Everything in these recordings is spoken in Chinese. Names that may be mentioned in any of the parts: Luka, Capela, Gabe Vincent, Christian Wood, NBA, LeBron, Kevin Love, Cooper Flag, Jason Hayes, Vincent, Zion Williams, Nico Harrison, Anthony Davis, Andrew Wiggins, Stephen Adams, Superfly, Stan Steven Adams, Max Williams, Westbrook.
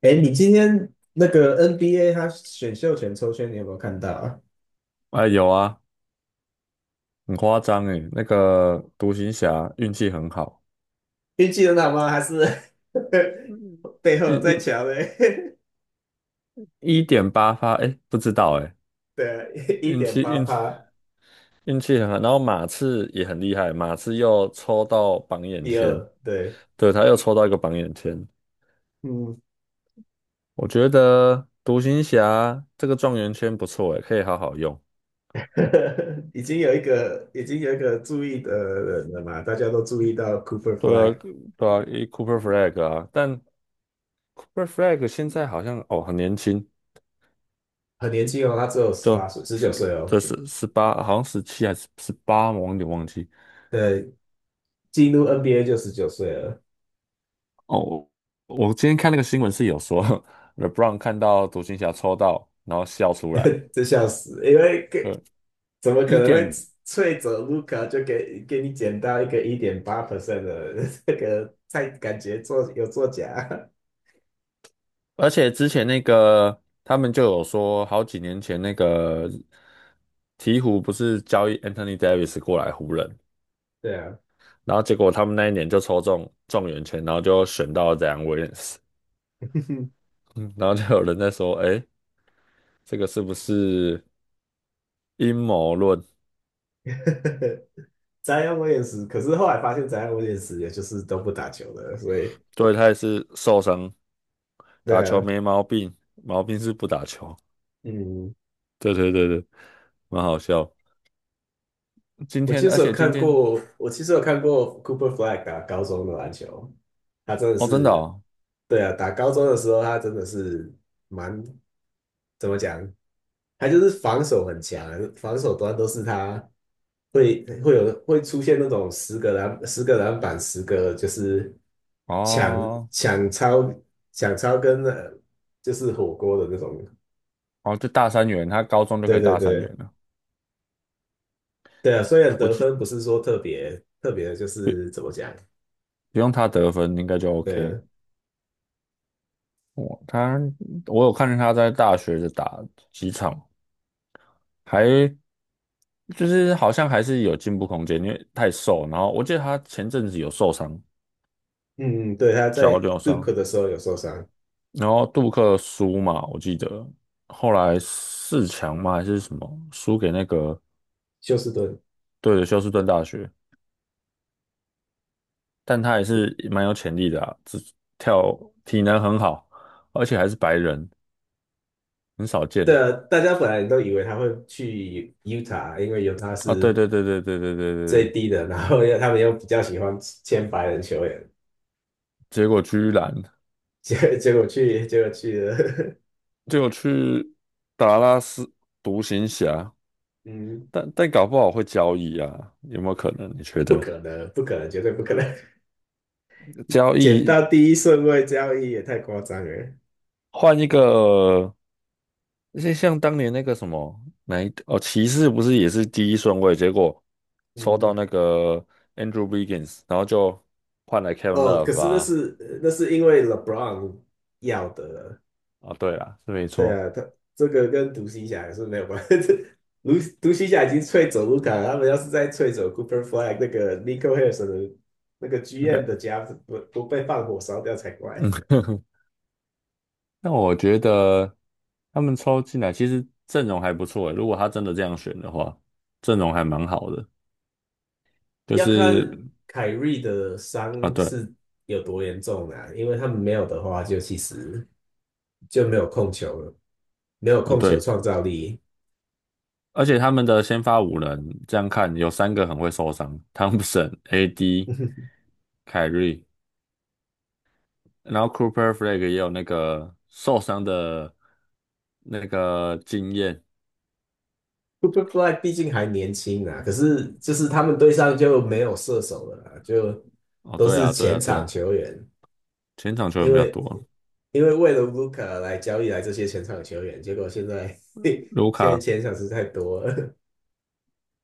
哎，你今天那个 NBA 他选秀权抽签，你有没有看到啊？哎，有啊，很夸张诶，那个独行侠运气很好，运气很好吗？还是 背后运在运抢嘞？一点八发，哎，不知道哎，对啊，一运点气八运气趴，运气很好。然后马刺也很厉害，马刺又抽到榜眼第签，二，对，对，他又抽到一个榜眼签。嗯，我觉得独行侠这个状元签不错诶，可以好好用。已经有一个注意的人了嘛，大家都注意到 Cooper 对啊，Flag 对啊，Cooper Flag 啊，但 Cooper Flag 现在好像很年轻，很年轻哦，他只有十八就岁，十九岁哦，这是十八好像十七还是十八，我有点忘记。对，进入 NBA 就十九岁了，哦，我今天看那个新闻是有说 ，LeBron 看到独行侠抽到，然后笑出来。这笑死，因为对，怎么可一能会点，脆走卢卡就给你捡到一个1.8% 的 这个太感觉做有作假，而且之前那个他们就有说，好几年前那个鹈鹕不是交易 Anthony Davis 过来湖人，对啊，然后结果他们那一年就抽中状元签，然后就选到 Zion Williams，嗯然后就有人在说，哎，这个是不是阴谋论？宅姆我也是，可是后来发现詹姆斯也是也就是都不打球的，所以对，他也是受伤，对打球啊，没毛病，毛病是不打球。嗯，对对对对，蛮好笑。今天，而且今天，我其实有看过 Cooper Flag 打高中的篮球，他真的哦，真的是，哦，对啊，打高中的时候他真的是蛮怎么讲，他就是防守很强，防守端都是他。会出现那种10个篮板，十个就是抢哦，抢超抢超跟就是火锅的那种。哦，就大三元，他高中就可对以对大三元对了。对啊，虽然我得记分不是说特别特别，就是不怎么讲？不用他得分，应该就 对 OK。啊，我他我有看见他在大学的打几场，还就是好像还是有进步空间，因为太瘦。然后我记得他前阵子有受伤，嗯，嗯对，他在 脚扭 d u 伤，的时候有受伤，然后杜克输嘛，我记得后来四强嘛还是什么输给那个休斯顿。对的休斯顿大学。但他也是蛮有潜力的啊跳体能很好，而且还是白人，很少对见啊，大家本来都以为他会去 u t 因为 u t 啊。对是对对对对对对对最对，低的，然后又他们又比较喜欢签白人球员，结果居然结果去了。结果去达拉斯独行侠，嗯，但搞不好会交易啊，有没有可能？你觉不得可能，不可能，绝对不可能，交捡易到第一顺位交易也太夸张了。换一个，像当年那个什么哪一哦，骑士不是也是第一顺位，结果抽到嗯，那个 Andrew Wiggins，然后就换来 Kevin 哦，可 Love 是那啊。是那是因为 LeBron 要的了哦，对啦，是没对错。啊，他这个跟独行侠也是没有关系。独独行侠已经吹走卢卡，他们要是再吹走 Cooper Flag 那个 Nico Harrison 的那个剧应该，院的家不被放火烧掉才嗯，怪。那我觉得他们抽进来其实阵容还不错诶，如果他真的这样选的话，阵容还蛮好的。就要看是凯瑞的啊，伤对，是有多严重啊，因为他们没有的话，就其实就没有控球了。没有哦控球对，创造力。而且他们的先发五人这样看有三个很会受伤，汤普森、AD、凯瑞，然后 Cooper Flag 也有那个受伤的那个经验。Superfly 毕竟还年轻啊，可是就是他们队上就没有射手了啦，就哦，都对是啊，对前啊，对场啊，球员，前场球员因比较为多，因为为了 Luka 来交易来这些前场球员，结果现在 卢 现在卡前场是太多了，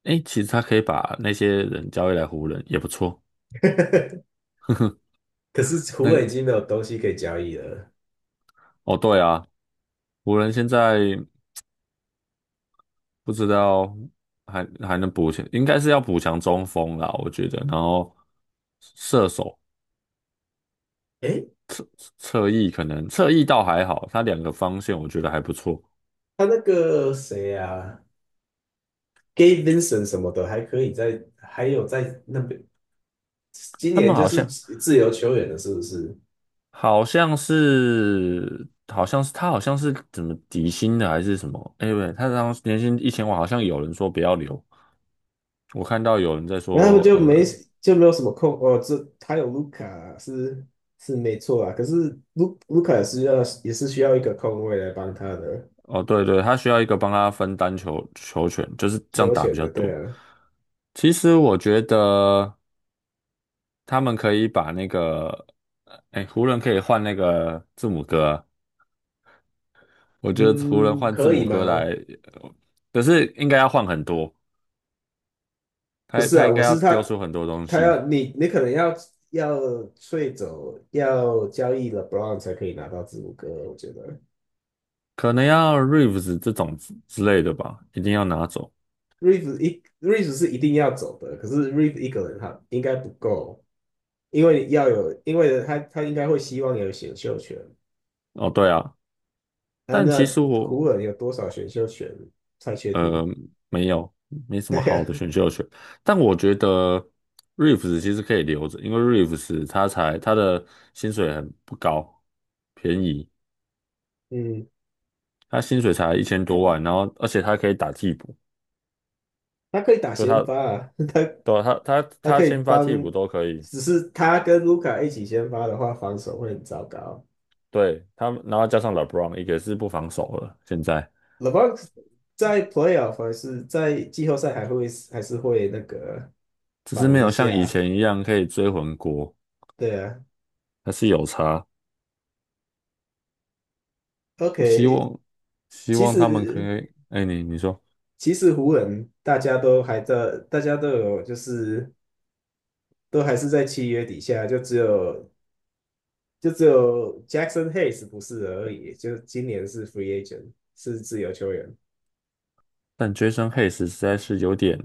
诶，其实他可以把那些人交易来湖人也不错。可是湖那人个，已经没有东西可以交易了。哦，对啊，湖人现在不知道还能补强，应该是要补强中锋啦，我觉得。然后射手诶，侧翼可能侧翼倒还好，他两个方向我觉得还不错。他那个谁啊，Gabe Vincent 什么的还可以在，还有在那边，今他年们就好是像自由球员了，是不是？好像是好像是他好像是怎么底薪的还是什么？哎，喂，他当时年薪一千万，好像有人说不要留。我看到有人在然后他说，们就没有什么空哦，这他有卢卡是没错啊，可是卢卡也是需要一个空位来帮他的哦，对对，他需要一个帮他分担球权，就是这样球打比权较的，对多。啊，其实我觉得他们可以把那个，哎，湖人可以换那个字母哥啊，我觉得湖人嗯，换字可以母哥来，吗？呃可是应该要换很多，不他是他啊，应我该要是丢他出很多东他西，要你可能要 t 走要交易了 e b r o n 才可以拿到字母哥，我觉得 可能要 Reeves 这种之类的吧，一定要拿走。r e e v e 一 r e e v e 是一定要走的，可是 r e e v e 一个人他应该不够，因为他应该会希望有选秀权。哦，对啊，他但那其实我湖人有多少选秀权才太确定。呃，没有，没 什么对好的呀、选秀权。但我觉得 Reeves 其实可以留着，因为 Reeves 他的薪水很不高，便宜，嗯，他薪水才一千多万，然后而且他可以打替补，他可以打就先他发啊，对啊他他他他可以先发替帮，补都可以，只是他跟卢卡一起先发的话，防守会很糟糕。对他，然后加上 LeBron 也是不防守了，现在 LeBron 在 playoff 还是在季后赛还会还是会那个只是防没一有像以下，前一样可以追魂锅，对啊。还是有差。希 OK，望希其望他们可实以，哎，你说。其实湖人大家都还在，大家都有就是都还是在契约底下，就只有 Jackson Hayes 不是而已，就今年是 free agent，是自由球员。但 Jason Hayes 实在是有点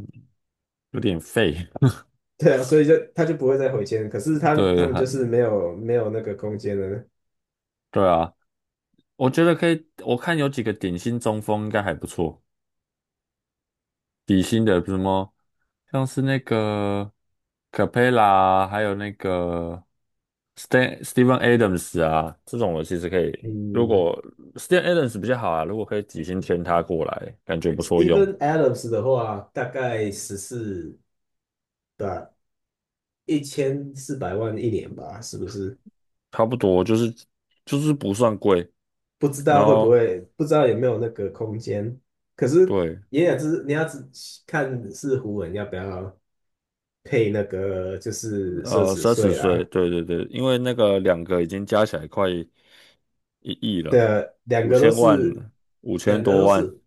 有点废，对啊，所以就他就不会再回签，可是他对，们就是没有那个空间了。对啊，我觉得可以，我看有几个顶薪中锋应该还不错，底薪的什么像是那个 Capela，还有那个 Steven Adams 啊，这种我其实可以，如嗯 果 Steven Adams 比较好啊，如果可以底薪签他过来，感觉不 s 错 t e p h e 用，n Adams 的话，大概十四吧，1400万一年吧，是不是？差不多就是不算贵，不知然道会不后会，不知道有没有那个空间。可是对。也是你要只看是湖人要不要配那个就是奢侈三十税岁，啦。对对对，因为那个两个已经加起来快一亿了，的五千万，五千两个多都万，是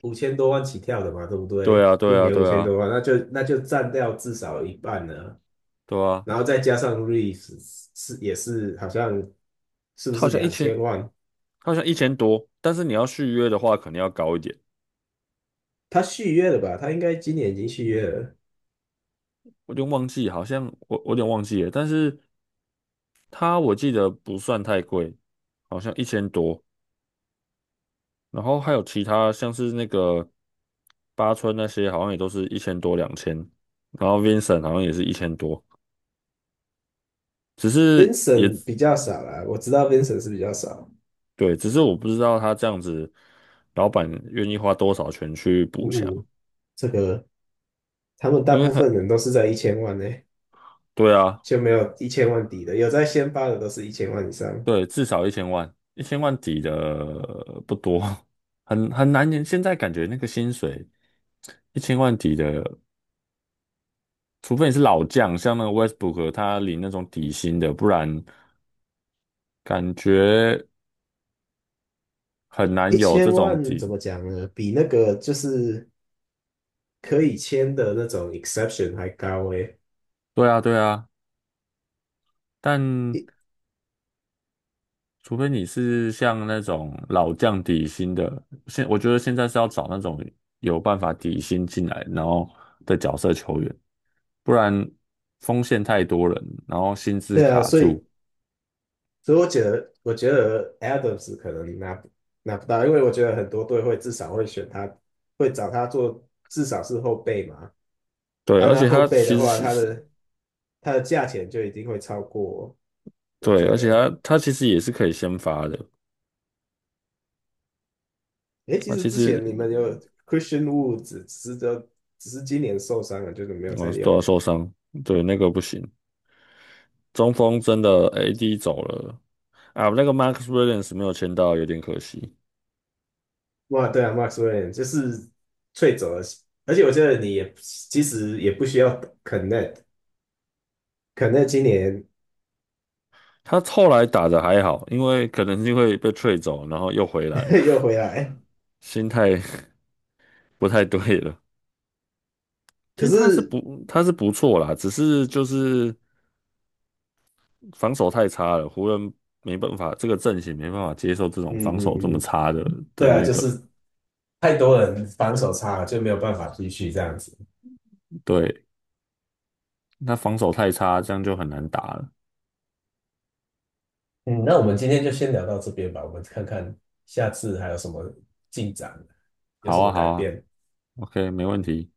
五千多万起跳的嘛，对不对对？啊，一对啊，年五对千啊，多万，那就占掉至少一半了，对啊，然后再加上 r e e v e 是也是好像是不他好是像一两千，千万？他好像一千多，但是你要续约的话，可能要高一点，他续约了吧？他应该今年已经续约了。我有点忘记，好像我有点忘记了，但是他我记得不算太贵，好像一千多，然后还有其他像是那个八村那些，好像也都是一千多两千，两千然后 Vincent 好像也是一千多。只是也 Vincent 比较少啦，我知道 Vincent 是比较少。对，只是我不知道他这样子，老板愿意花多少钱去补强，呜，这个他们大因为部很，分人都是在一千万呢，对啊，就没有一千万底的，有在先发的都是一千万以上。对，至少一千万，一千万底的不多，很难。现在感觉那个薪水一千万底的，除非你是老将，像那个 Westbrook，他领那种底薪的，不然感觉很一难有这千种万怎底。么讲呢？比那个就是可以签的那种 exception 还高诶。对啊，对啊，但。一除非你是像那种老将底薪的，我觉得现在是要找那种有办法底薪进来，然后的角色球员，不然锋线太多人，然后薪资对啊，卡住。所以我觉得 Adams 可能拿不到，因为我觉得很多队会至少会选他，会找他做至少是后备嘛。对，按而他且后他备的其实话，是是，他的价钱就一定会超过，我对，觉而且得。他其实也是可以先发的，诶，其他实其之实前你们有 Christian Wood，s 只是今年受伤了，就是没有再我都要用。受伤，对，那个不行。中锋真的 AD 走了啊，那个 Max Williams 没有签到，有点可惜。哇，对啊，Max w i l l i a m 就是最走的，而且我觉得你也其实也不需要 Connect，Connect 今年 他后来打的还好，因为可能是因为被吹走，然后又回来了，又回来，心态 不太对了。其可实他是是不他是不错啦，只是就是防守太差了，湖人没办法，这个阵型没办法接受这种嗯防守这嗯么嗯，差的对的啊，那就个，是太多人防守差了，就没有办法继续这样子。对，那防守太差，这样就很难打了。嗯，那我们今天就先聊到这边吧，我们看看下次还有什么进展，有什好么啊，改好啊变。，OK，没问题。